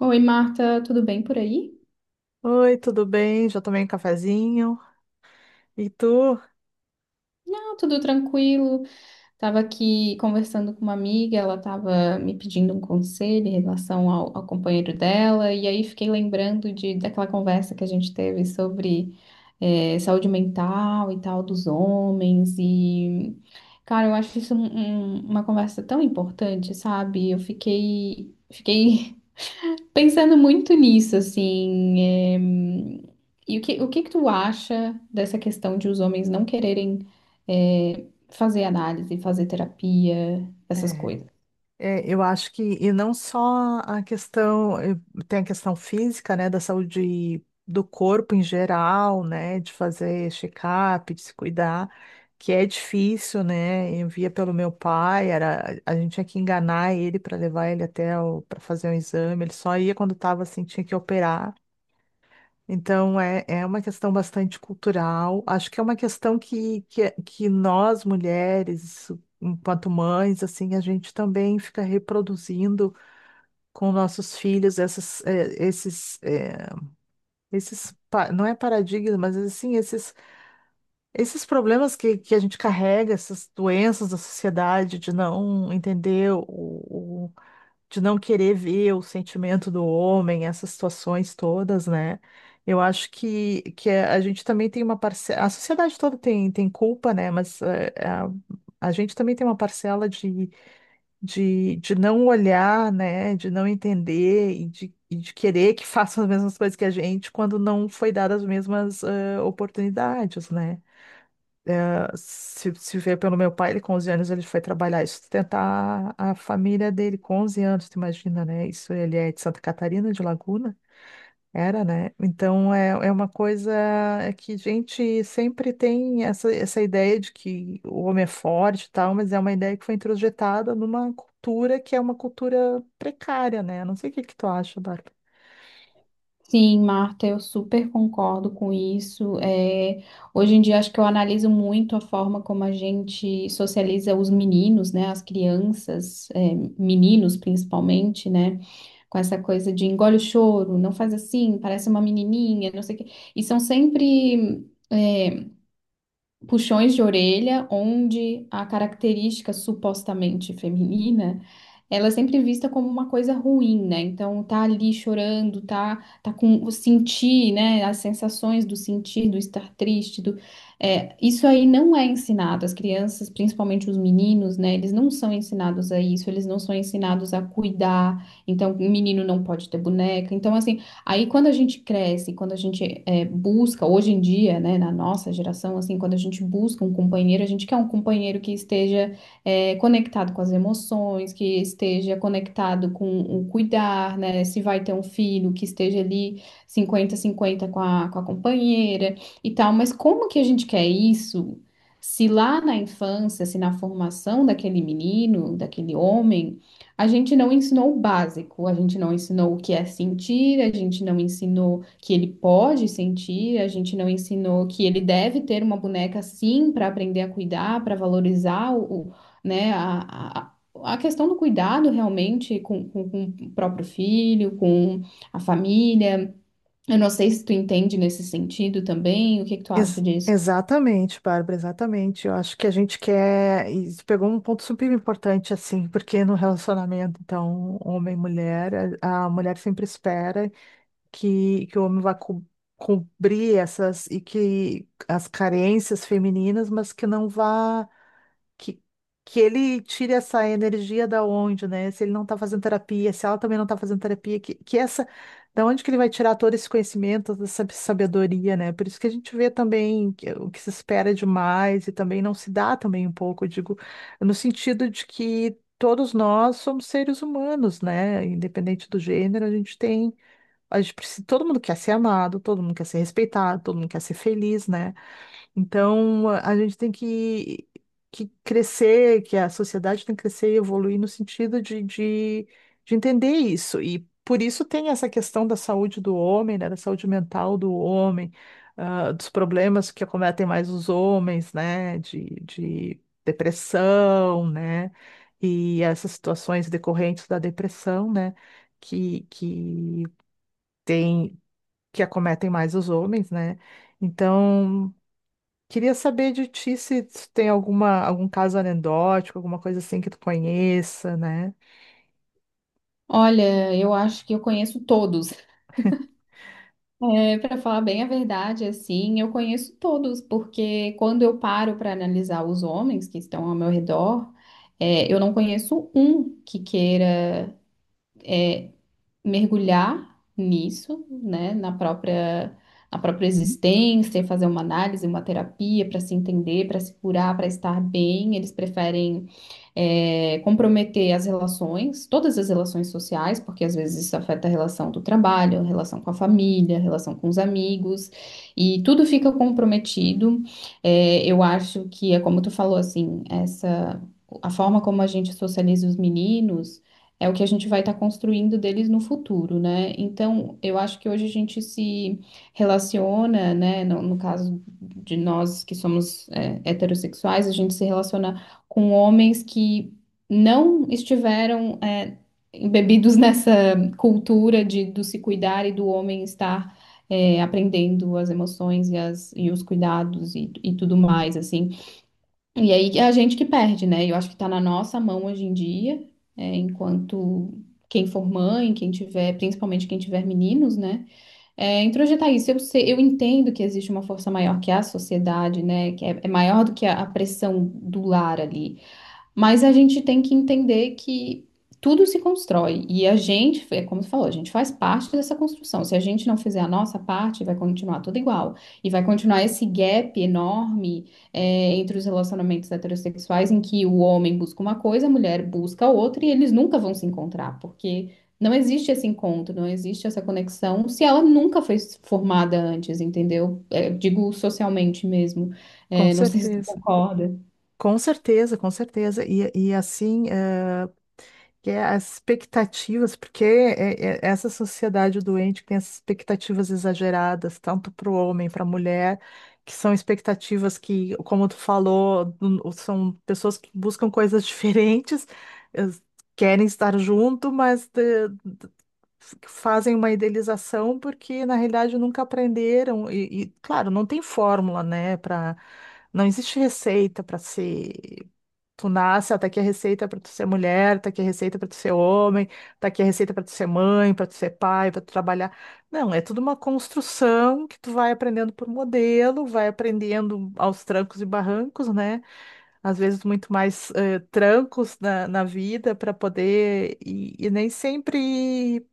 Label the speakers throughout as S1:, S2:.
S1: Oi, Marta, tudo bem por aí?
S2: Oi, tudo bem? Já tomei um cafezinho. E tu?
S1: Não, tudo tranquilo. Estava aqui conversando com uma amiga, ela estava me pedindo um conselho em relação ao companheiro dela, e aí fiquei lembrando daquela conversa que a gente teve sobre saúde mental e tal dos homens, e cara, eu acho isso uma conversa tão importante, sabe? Eu fiquei pensando muito nisso, assim. eh, E o o que que tu acha dessa questão de os homens não quererem. eh, fazer análise, fazer terapia, essas
S2: É,
S1: coisas.
S2: eu acho que, e não só a questão, tem a questão física, né, da saúde do corpo em geral, né, de fazer check-up, de se cuidar, que é difícil, né? Eu via pelo meu pai, era, a gente tinha que enganar ele para levar ele até para fazer um exame, ele só ia quando estava assim, tinha que operar. Então, é uma questão bastante cultural. Acho que é uma questão que nós, mulheres, enquanto mães, assim, a gente também fica reproduzindo com nossos filhos essas, esses, esses, não é paradigma, mas assim, esses, esses problemas que a gente carrega, essas doenças da sociedade, de não entender o, de não querer ver o sentimento do homem, essas situações todas, né? Eu acho que a gente também tem uma parcela, a sociedade toda tem, tem culpa, né? Mas a gente também tem uma parcela de não olhar, né? De não entender e de querer que façam as mesmas coisas que a gente quando não foi dadas as mesmas oportunidades, né? Se vê pelo meu pai, ele com 11 anos ele foi trabalhar e sustentar a família dele com 11 anos, tu imagina, né? Isso ele é de Santa Catarina, de Laguna, era, né? Então é uma coisa é que a gente sempre tem essa, essa ideia de que o homem é forte e tal, mas é uma ideia que foi introjetada numa cultura que é uma cultura precária, né? Não sei o que que tu acha, Bárbara.
S1: Sim, Marta, eu super concordo com isso. É, hoje em dia acho que eu analiso muito a forma como a gente socializa os meninos, né, as crianças, é, meninos principalmente, né, com essa coisa de engole o choro, não faz assim, parece uma menininha, não sei o quê. E são sempre é, puxões de orelha, onde a característica supostamente feminina, ela é sempre vista como uma coisa ruim, né? Então tá ali chorando, tá, tá com o sentir, né? As sensações do sentir, do estar triste, é, isso aí não é ensinado. As crianças, principalmente os meninos, né? Eles não são ensinados a isso, eles não são ensinados a cuidar. Então, o menino não pode ter boneca. Então, assim, aí quando a gente cresce, quando a gente busca, hoje em dia, né, na nossa geração, assim, quando a gente busca um companheiro, a gente quer um companheiro que esteja conectado com as emoções, que esteja conectado com o cuidar, né, se vai ter um filho, que esteja ali 50-50 com a companheira e tal, mas como que a gente quer isso? Se lá na infância, se na formação daquele menino, daquele homem, a gente não ensinou o básico, a gente não ensinou o que é sentir, a gente não ensinou que ele pode sentir, a gente não ensinou que ele deve ter uma boneca sim para aprender a cuidar, para valorizar né, a questão do cuidado realmente com o próprio filho, com a família. Eu não sei se tu entende nesse sentido também, o que que tu acha disso?
S2: Exatamente, Bárbara, exatamente. Eu acho que a gente quer. Isso pegou um ponto super importante, assim, porque no relacionamento, então, homem e mulher, a mulher sempre espera que o homem cobrir essas e que as carências femininas, mas que não vá que, que ele tire essa energia da onde, né? Se ele não tá fazendo terapia, se ela também não tá fazendo terapia, que essa, da onde que ele vai tirar todo esse conhecimento, toda essa sabedoria, né? Por isso que a gente vê também que- o que se espera demais e também não se dá também um pouco, eu digo, no sentido de que todos nós somos seres humanos, né? Independente do gênero, a gente tem, a gente precisa, todo mundo quer ser amado, todo mundo quer ser respeitado, todo mundo quer ser feliz, né? Então, a gente tem que crescer, que a sociedade tem que crescer e evoluir no sentido de entender isso. E por isso tem essa questão da saúde do homem, né, da saúde mental do homem, ah, dos problemas que acometem mais os homens, né, de depressão, né, e essas situações decorrentes da depressão, né, que tem, que acometem mais os homens, né. Então, queria saber de ti se tu tem alguma, algum caso anedótico, alguma coisa assim que tu conheça, né?
S1: Olha, eu acho que eu conheço todos. É, para falar bem a verdade, assim, eu conheço todos, porque quando eu paro para analisar os homens que estão ao meu redor, é, eu não conheço um que queira mergulhar nisso, na própria existência, fazer uma análise, uma terapia para se entender, para se curar, para estar bem. Eles preferem comprometer as relações, todas as relações sociais, porque às vezes isso afeta a relação do trabalho, a relação com a família, a relação com os amigos, e tudo fica comprometido. É, eu acho que é como tu falou, assim, essa, a forma como a gente socializa os meninos. É o que a gente vai estar construindo deles no futuro, né? Então, eu acho que hoje a gente se relaciona, né? No caso de nós que somos é, heterossexuais, a gente se relaciona com homens que não estiveram embebidos nessa cultura de, do se cuidar e do homem estar aprendendo as emoções e os cuidados e tudo mais, assim. E aí é a gente que perde, né? Eu acho que está na nossa mão hoje em dia, é, enquanto quem for mãe, quem tiver, principalmente quem tiver meninos, né? É, introjetar isso. Eu sei, eu entendo que existe uma força maior que a sociedade, né? Que é, é maior do que a pressão do lar ali. Mas a gente tem que entender que tudo se constrói e a gente, é como tu falou, a gente faz parte dessa construção. Se a gente não fizer a nossa parte, vai continuar tudo igual. E vai continuar esse gap enorme, é, entre os relacionamentos heterossexuais, em que o homem busca uma coisa, a mulher busca outra e eles nunca vão se encontrar, porque não existe esse encontro, não existe essa conexão se ela nunca foi formada antes, entendeu? É, digo socialmente mesmo.
S2: Com
S1: É, não sei se tu
S2: certeza.
S1: concorda.
S2: Com certeza, com certeza. E assim, que é as expectativas, porque é essa sociedade doente que tem essas expectativas exageradas, tanto para o homem, para a mulher, que são expectativas que, como tu falou, são pessoas que buscam coisas diferentes, eh, querem estar junto, mas fazem uma idealização porque na realidade nunca aprenderam e, claro, não tem fórmula, né, para não existe receita para ser tu nasce, ó, tá aqui a receita para tu ser mulher, tá aqui a receita para tu ser homem, tá aqui a receita para tu ser mãe, para tu ser pai, para tu trabalhar. Não, é tudo uma construção que tu vai aprendendo por modelo, vai aprendendo aos trancos e barrancos, né? Às vezes muito mais trancos na vida para poder e nem sempre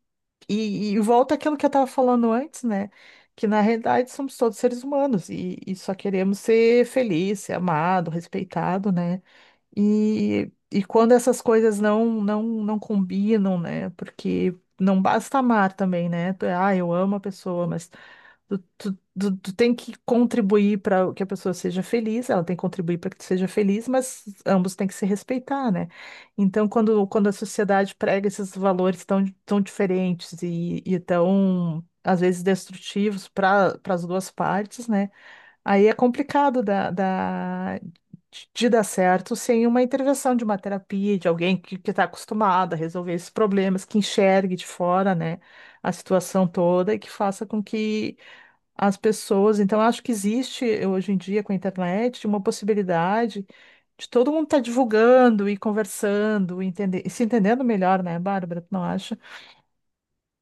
S2: e volta àquilo que eu estava falando antes, né? Que na realidade somos todos seres humanos e só queremos ser feliz, ser amado, respeitado, né? E quando essas coisas não combinam, né? Porque não basta amar também, né? Tu é, ah, eu amo a pessoa, mas tu tem que contribuir para que a pessoa seja feliz, ela tem que contribuir para que tu seja feliz, mas ambos têm que se respeitar, né? Então, quando a sociedade prega esses valores tão diferentes e tão, às vezes, destrutivos para para as duas partes, né? Aí é complicado de dar certo sem uma intervenção de uma terapia, de alguém que está acostumado a resolver esses problemas, que enxergue de fora, né? A situação toda e que faça com que as pessoas. Então, eu acho que existe hoje em dia com a internet uma possibilidade de todo mundo estar divulgando e conversando, entender, e se entendendo melhor, né, Bárbara? Tu não acha?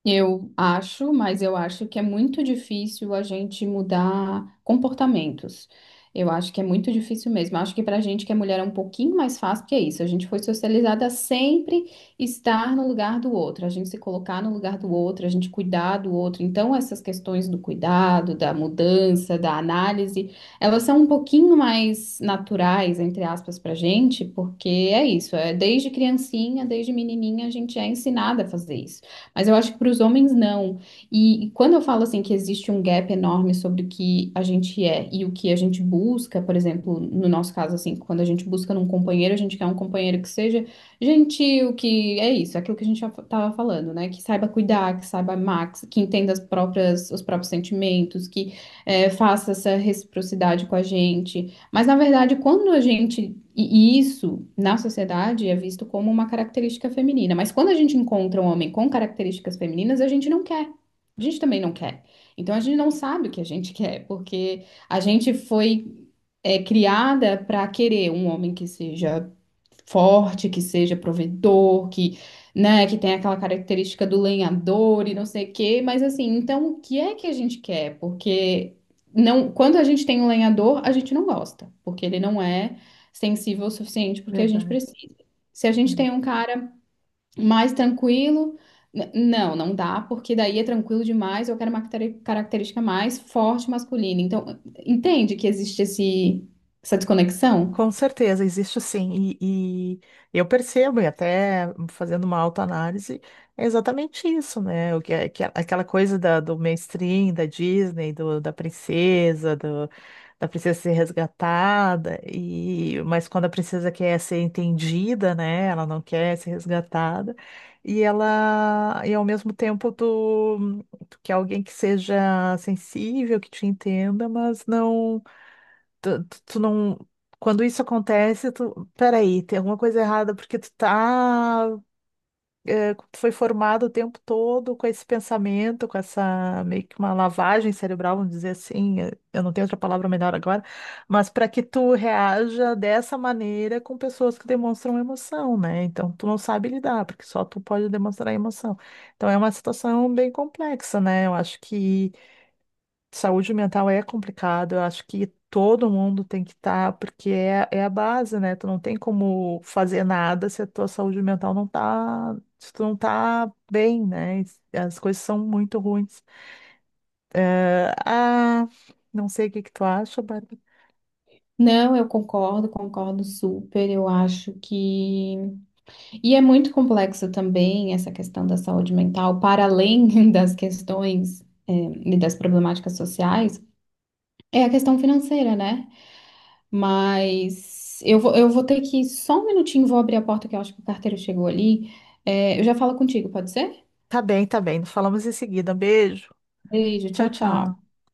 S1: Eu acho, mas eu acho que é muito difícil a gente mudar comportamentos. Eu acho que é muito difícil mesmo. Eu acho que pra gente que é mulher é um pouquinho mais fácil, porque é isso. A gente foi socializada a sempre estar no lugar do outro, a gente se colocar no lugar do outro, a gente cuidar do outro. Então, essas questões do cuidado, da mudança, da análise, elas são um pouquinho mais naturais, entre aspas, pra gente, porque é isso. É desde criancinha, desde menininha, a gente é ensinada a fazer isso. Mas eu acho que para os homens não. E quando eu falo assim que existe um gap enorme sobre o que a gente é e o que a gente busca, por exemplo, no nosso caso assim, quando a gente busca num companheiro, a gente quer um companheiro que seja gentil, que é isso, é aquilo que a gente tava falando, né? Que saiba cuidar, que saiba amar, que entenda as próprias os próprios sentimentos, que faça essa reciprocidade com a gente. Mas, na verdade, quando a gente. E isso na sociedade é visto como uma característica feminina. Mas quando a gente encontra um homem com características femininas, a gente não quer. A gente também não quer. Então a gente não sabe o que a gente quer, porque a gente foi criada para querer um homem que seja forte, que seja provedor, que, né, que tem aquela característica do lenhador e não sei o quê, mas assim, então o que é que a gente quer? Porque não, quando a gente tem um lenhador, a gente não gosta, porque ele não é sensível o suficiente porque a gente
S2: Verdade.
S1: precisa. Se a gente tem um cara mais tranquilo, não, não dá, porque daí é tranquilo demais, eu quero uma característica mais forte masculina. Então, entende que essa desconexão?
S2: Com certeza, existe sim. E eu percebo, e até fazendo uma autoanálise, é exatamente isso, né? O que é aquela coisa do mainstream, da Disney, da princesa, da princesa ser resgatada, e, mas quando a princesa quer ser entendida, né? Ela não quer ser resgatada, e ela, e ao mesmo tempo, tu, tu quer alguém que seja sensível, que te entenda, mas não tu não. Quando isso acontece, tu. Peraí, tem alguma coisa errada, porque tu tá. Tu foi formado o tempo todo com esse pensamento, com essa meio que uma lavagem cerebral, vamos dizer assim. Eu não tenho outra palavra melhor agora, mas para que tu reaja dessa maneira com pessoas que demonstram emoção, né? Então tu não sabe lidar, porque só tu pode demonstrar emoção. Então é uma situação bem complexa, né? Eu acho que. Saúde mental é complicado, eu acho que todo mundo tem que estar, porque é, é a base, né? Tu não tem como fazer nada se a tua saúde mental não tá, se tu não tá bem, né? As coisas são muito ruins. Eh, ah, não sei o que que tu acha, Bárbara.
S1: Não, eu concordo, concordo super. Eu acho que. E é muito complexo também essa questão da saúde mental, para além das questões, eh, e das problemáticas sociais, é a questão financeira, né? Mas eu vou ter que. Só um minutinho, vou abrir a porta que eu acho que o carteiro chegou ali. Eh, eu já falo contigo, pode ser?
S2: Tá bem, tá bem. Falamos em seguida. Beijo.
S1: Beijo,
S2: Tchau,
S1: tchau, tchau.
S2: tchau.